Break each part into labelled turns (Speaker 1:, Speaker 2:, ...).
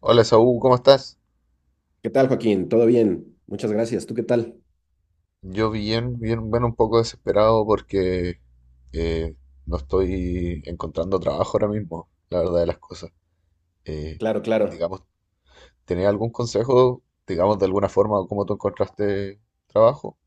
Speaker 1: Hola Saúl, ¿cómo estás?
Speaker 2: ¿Qué tal, Joaquín? ¿Todo bien? Muchas gracias. ¿Tú qué tal?
Speaker 1: Yo bien, bien, bueno, un poco desesperado porque eh, no estoy encontrando trabajo ahora mismo, la verdad de las cosas. Eh,
Speaker 2: Claro, claro.
Speaker 1: digamos, ¿tenés algún consejo, digamos, de alguna forma, cómo tú encontraste trabajo?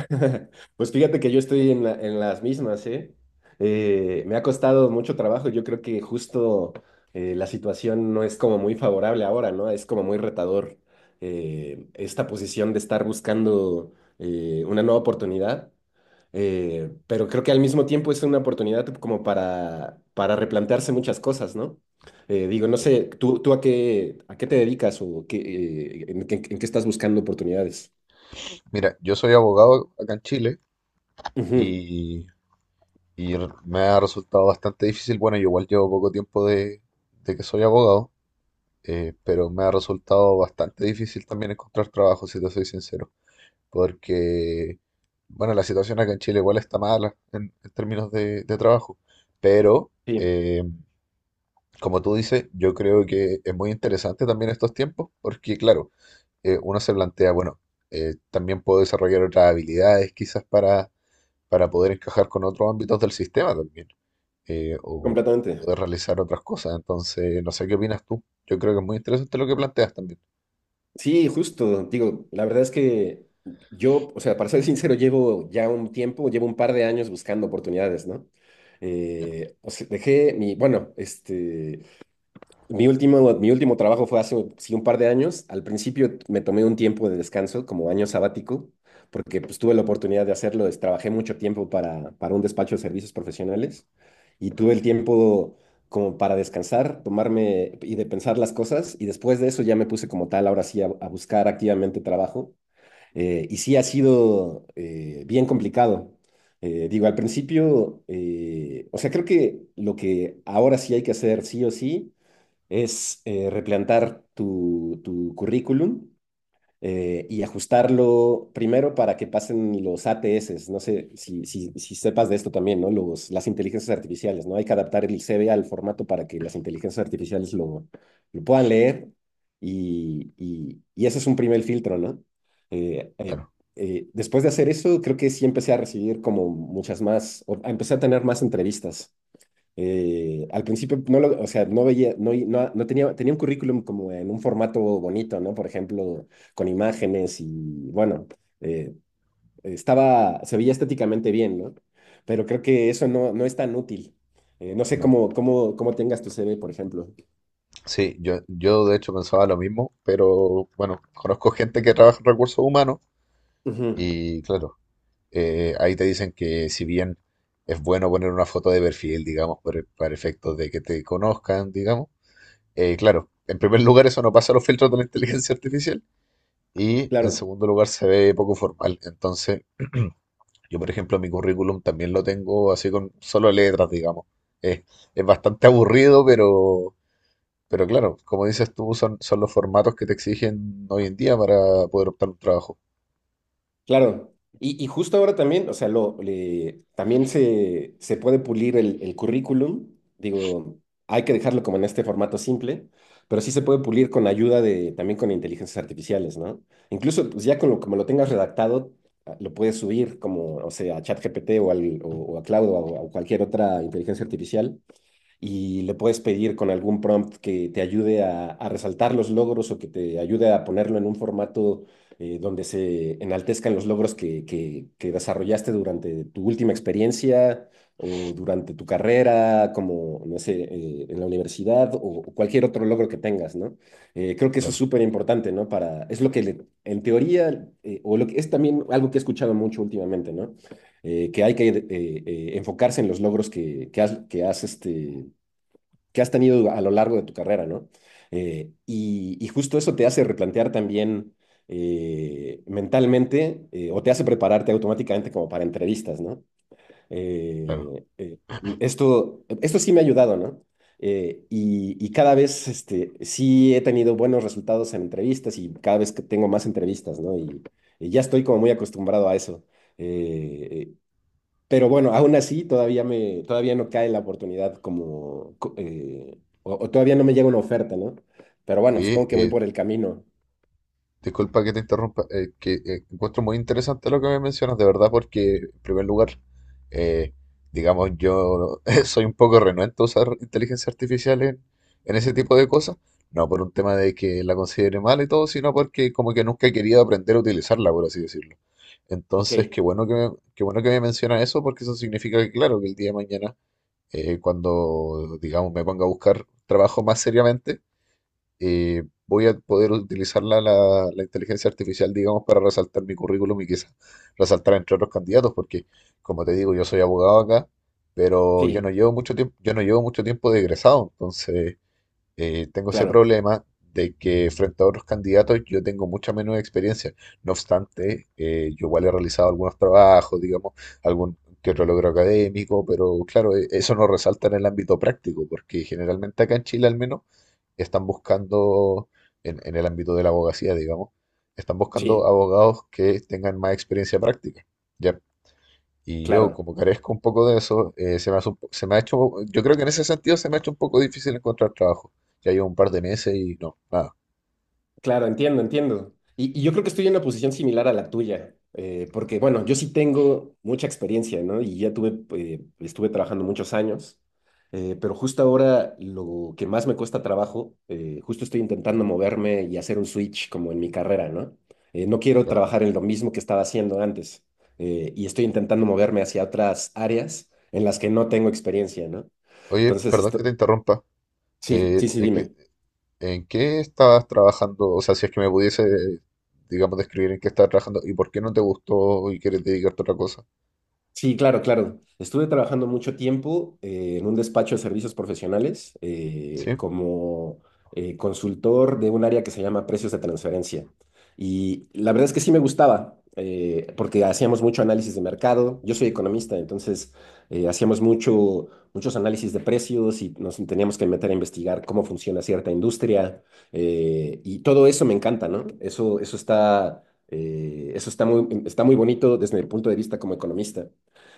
Speaker 2: Pues fíjate que yo estoy en en las mismas, ¿eh? Me ha costado mucho trabajo. Yo creo que justo la situación no es como muy favorable ahora, ¿no? Es como muy retador, esta posición de estar buscando una nueva oportunidad. Pero creo que al mismo tiempo es una oportunidad como para replantearse muchas cosas, ¿no? Digo, no
Speaker 1: Sí.
Speaker 2: sé, ¿tú a qué te dedicas o qué, en, qué en qué estás buscando oportunidades?
Speaker 1: Mira, yo soy abogado acá en Chile
Speaker 2: Ujú,
Speaker 1: y, y me ha resultado bastante difícil. Bueno, yo igual llevo poco tiempo de que soy abogado, pero me ha resultado bastante difícil también encontrar trabajo, si te soy sincero. Porque, bueno, la situación acá en Chile igual está mala en términos de trabajo, pero,
Speaker 2: sí,
Speaker 1: como tú dices, yo creo que es muy interesante también estos tiempos, porque, claro, uno se plantea, bueno, también puedo desarrollar otras habilidades quizás para poder encajar con otros ámbitos del sistema también, o
Speaker 2: completamente.
Speaker 1: poder realizar otras cosas, entonces, no sé qué opinas tú, yo creo que es muy interesante lo que planteas también.
Speaker 2: Sí, justo. Digo, la verdad es que yo, o sea, para ser sincero, llevo ya un tiempo, llevo un par de años buscando oportunidades, ¿no?
Speaker 1: Ya,
Speaker 2: O sea, dejé mi, bueno, este, mi último trabajo fue hace sí, un par de años. Al principio me tomé un tiempo de descanso, como año sabático, porque pues, tuve la oportunidad de hacerlo. Trabajé mucho tiempo para un despacho de servicios profesionales y tuve el tiempo como para descansar, tomarme y de pensar las cosas. Y después de eso ya me puse como tal, ahora sí, a buscar activamente trabajo. Y sí ha sido, bien complicado. Digo, al principio, o sea, creo que lo que ahora sí hay que hacer sí o sí es, replantar tu currículum, y ajustarlo primero para que pasen los ATS. No sé si sepas de esto también, ¿no? Los, las inteligencias artificiales, ¿no? Hay que adaptar el CV al formato para que las inteligencias artificiales lo puedan leer y, y ese es un primer filtro, ¿no? Eh, eh,
Speaker 1: claro.
Speaker 2: después de hacer eso, creo que sí empecé a recibir como muchas más, empecé a tener más entrevistas, al principio no lo, o sea, no veía, no tenía, tenía un currículum como en un formato bonito, ¿no? Por ejemplo, con imágenes y bueno, eh, estaba, se veía estéticamente bien, ¿no? Pero creo que eso no es tan útil. No sé
Speaker 1: No,
Speaker 2: cómo tengas tu CV, por ejemplo.
Speaker 1: sí, yo de hecho pensaba lo mismo, pero bueno, conozco gente que trabaja en recursos humanos
Speaker 2: Ujú,
Speaker 1: y claro, ahí te dicen que si bien es bueno poner una foto de perfil, digamos, para efectos de que te conozcan, digamos, claro, en primer lugar eso no pasa los filtros de la inteligencia artificial y en
Speaker 2: claro.
Speaker 1: segundo lugar se ve poco formal. Entonces, yo por ejemplo mi currículum también lo tengo así con solo letras, digamos. Es, es bastante aburrido, pero... Pero claro, como dices tú, son los formatos que te exigen hoy en día para poder optar un trabajo.
Speaker 2: Claro, y justo ahora también, o sea, lo, también se puede pulir el currículum, digo, hay que dejarlo como en este formato simple, pero sí se puede pulir con ayuda de, también con inteligencias artificiales, ¿no? Incluso, pues ya con lo, como lo tengas redactado, ah, lo puedes subir como, o sea, a ChatGPT o, al, o a Cloud o a cualquier otra inteligencia artificial y le puedes pedir con algún prompt que te ayude a resaltar los logros o que te ayude a ponerlo en un formato, donde se enaltezcan los logros que desarrollaste durante tu última experiencia o durante tu carrera, como, no sé, en la universidad o cualquier otro logro que tengas, ¿no? Creo que eso es
Speaker 1: Claro,
Speaker 2: súper importante, ¿no? Para, es lo que en teoría, o lo que es también algo que he escuchado mucho últimamente, ¿no? Que hay que enfocarse en los logros que has este, que has tenido a lo largo de tu carrera, ¿no? Y, y justo eso te hace replantear también, mentalmente, o te hace prepararte automáticamente como para entrevistas, ¿no?
Speaker 1: claro.
Speaker 2: Eh, eh, esto sí me ha ayudado, ¿no? Y, y cada vez este, sí he tenido buenos resultados en entrevistas y cada vez que tengo más entrevistas, ¿no? Y ya estoy como muy acostumbrado a eso. Eh, pero bueno, aún así todavía no cae la oportunidad como, o todavía no me llega una oferta, ¿no? Pero bueno,
Speaker 1: Oye,
Speaker 2: supongo que voy por el camino.
Speaker 1: disculpa que te interrumpa, que encuentro muy interesante lo que me mencionas, de verdad, porque en primer lugar, eh, digamos, yo soy un poco renuente a usar inteligencia artificial en ese tipo de cosas. No por un tema de que la considere mal y todo, sino porque como que nunca he querido aprender a utilizarla, por así decirlo.
Speaker 2: Ok,
Speaker 1: Entonces, qué bueno que me mencionas eso, porque eso significa que, claro, que el día de mañana cuando, digamos, me ponga a buscar trabajo más seriamente, voy a poder utilizar la inteligencia artificial, digamos, para resaltar mi currículum y quizás resaltar entre otros candidatos, porque, como te digo, yo soy abogado acá, pero
Speaker 2: sí,
Speaker 1: yo no llevo mucho tiempo de egresado, entonces tengo ese
Speaker 2: claro,
Speaker 1: problema de que frente a otros candidatos yo tengo mucha menos experiencia. No obstante, yo igual he realizado algunos trabajos, digamos, algún que otro logro académico, pero claro, eso no resalta en el ámbito práctico, porque generalmente acá en Chile al menos están buscando, en el ámbito de la abogacía, digamos, están buscando
Speaker 2: sí,
Speaker 1: abogados que tengan más experiencia práctica. ¿Ya? Y yo,
Speaker 2: claro.
Speaker 1: como carezco un poco de eso, se me hace un po- se me ha hecho, yo creo que en ese sentido se me ha hecho un poco difícil encontrar trabajo. Ya llevo un par de meses y no, nada,
Speaker 2: Claro, entiendo, entiendo. Y yo creo que estoy en una posición similar a la tuya, porque bueno, yo sí tengo mucha experiencia, ¿no? Y ya tuve, estuve trabajando muchos años, pero justo ahora lo que más me cuesta trabajo, justo estoy intentando moverme y hacer un switch como en mi carrera, ¿no? No quiero
Speaker 1: claro.
Speaker 2: trabajar en lo mismo que estaba haciendo antes, y estoy intentando moverme hacia otras áreas en las que no tengo experiencia, ¿no?
Speaker 1: Oye,
Speaker 2: Entonces,
Speaker 1: perdón que te
Speaker 2: esto,
Speaker 1: interrumpa.
Speaker 2: sí,
Speaker 1: eh,
Speaker 2: sí, sí,
Speaker 1: ¿en qué,
Speaker 2: dime.
Speaker 1: en qué estabas trabajando? O sea, si es que me pudiese, digamos, describir en qué estabas trabajando y por qué no te gustó y quieres dedicarte a otra cosa.
Speaker 2: Sí, claro, claro. Estuve trabajando mucho tiempo, en un despacho de servicios profesionales,
Speaker 1: Sí,
Speaker 2: como, consultor de un área que se llama precios de transferencia. Y la verdad es que sí me gustaba, porque hacíamos mucho análisis de mercado. Yo soy economista, entonces hacíamos muchos análisis de precios y nos teníamos que meter a investigar cómo funciona cierta industria. Y todo eso me encanta, ¿no? Eso está está muy bonito desde el punto de vista como economista,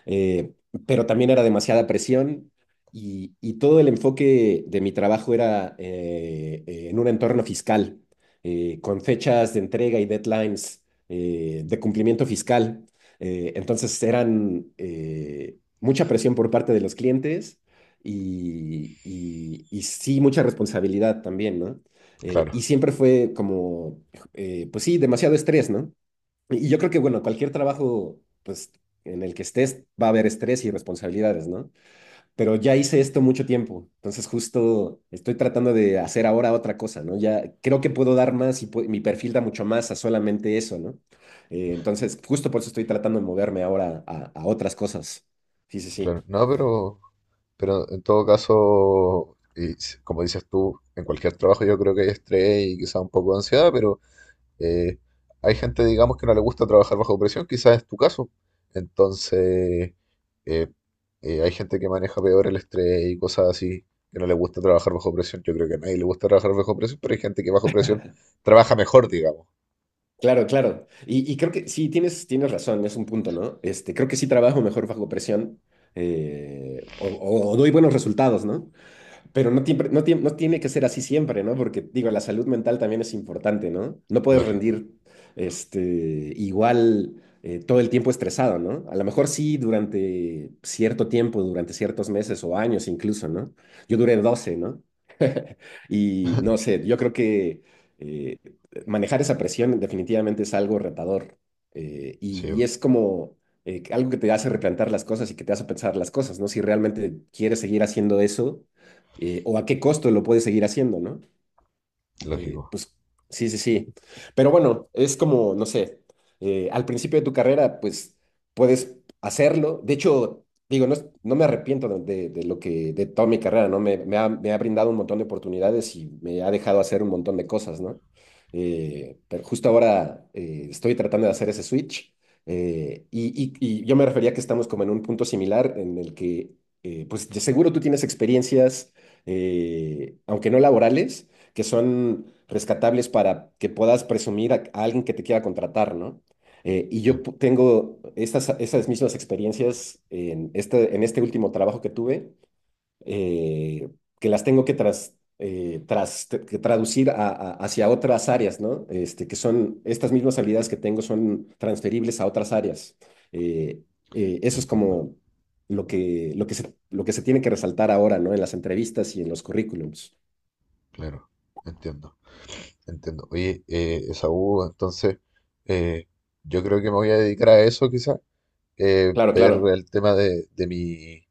Speaker 2: eh, pero también era demasiada presión y todo el enfoque de mi trabajo era, en un entorno fiscal, con fechas de entrega y deadlines, de cumplimiento fiscal. Entonces eran, mucha presión por parte de los clientes y, y sí mucha responsabilidad también, ¿no? Y
Speaker 1: claro,
Speaker 2: siempre fue como, pues sí, demasiado estrés, ¿no? Y yo creo que, bueno, cualquier trabajo, pues, en el que estés, va a haber estrés y responsabilidades, ¿no? Pero ya hice esto mucho tiempo, entonces justo estoy tratando de hacer ahora otra cosa, ¿no? Ya creo que puedo dar más y mi perfil da mucho más a solamente eso, ¿no? Entonces, justo por eso estoy tratando de moverme ahora a otras cosas. Sí, sí,
Speaker 1: claro.
Speaker 2: sí.
Speaker 1: No, pero en todo caso, y como dices tú, en cualquier trabajo yo creo que hay estrés y quizá un poco de ansiedad, pero Eh, hay gente, digamos, que no le gusta trabajar bajo presión, quizás es tu caso. Entonces, eh, hay gente que maneja peor el estrés y cosas así, que no le gusta trabajar bajo presión. Yo creo que a nadie le gusta trabajar bajo presión, pero hay gente que bajo presión trabaja mejor, digamos.
Speaker 2: Claro, claro. Y creo que sí, tienes razón, es un punto, ¿no? Este, creo que sí trabajo mejor bajo presión, o doy buenos resultados, ¿no? Pero no, no tiene que ser así siempre, ¿no? Porque, digo, la salud mental también es importante, ¿no? No puedes
Speaker 1: Lógico,
Speaker 2: rendir este, igual, todo el tiempo estresado, ¿no? A lo mejor sí durante cierto tiempo, durante ciertos meses o años incluso, ¿no? Yo duré doce, ¿no? Y no sé, yo creo que eh, manejar esa presión definitivamente es algo retador. Y,
Speaker 1: sí,
Speaker 2: y es como, algo que te hace replantar las cosas y que te hace pensar las cosas, ¿no? Si realmente quieres seguir haciendo eso, o a qué costo lo puedes seguir haciendo, ¿no?
Speaker 1: lógico,
Speaker 2: Pues sí, sí, sí. Pero bueno, es como, no sé, al principio de tu carrera, pues puedes hacerlo. De hecho, digo, no, no me arrepiento de, de lo que, de toda mi carrera, ¿no? Me ha brindado un montón de oportunidades y me ha dejado hacer un montón de cosas, ¿no? Pero justo ahora, estoy tratando de hacer ese switch. Y, y yo me refería que estamos como en un punto similar en el que, pues de seguro tú tienes experiencias, aunque no laborales, que son rescatables para que puedas presumir a alguien que te quiera contratar, ¿no? Y
Speaker 1: sí,
Speaker 2: yo tengo esas mismas experiencias en este último trabajo que tuve, eh, que las tengo que, que traducir hacia otras áreas, ¿no? Este, que son, estas mismas habilidades que tengo son transferibles a otras áreas. Eh, eso es
Speaker 1: entiendo,
Speaker 2: como lo que, lo que se tiene que resaltar ahora, ¿no? En las entrevistas y en los currículums.
Speaker 1: claro, entiendo, entiendo. Oye, Esaú, entonces, eh, yo creo que me voy a dedicar a eso, quizás,
Speaker 2: Claro,
Speaker 1: ver
Speaker 2: claro.
Speaker 1: el tema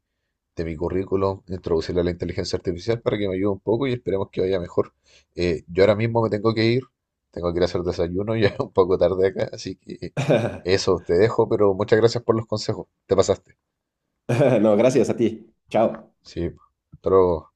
Speaker 1: de mi currículum, introducirle la inteligencia artificial para que me ayude un poco y esperemos que vaya mejor. Yo ahora mismo me tengo que ir a hacer desayuno, ya es un poco tarde acá, así que eso te dejo, pero muchas gracias por los consejos, te pasaste.
Speaker 2: No, gracias a ti. Chao.
Speaker 1: Sí, pero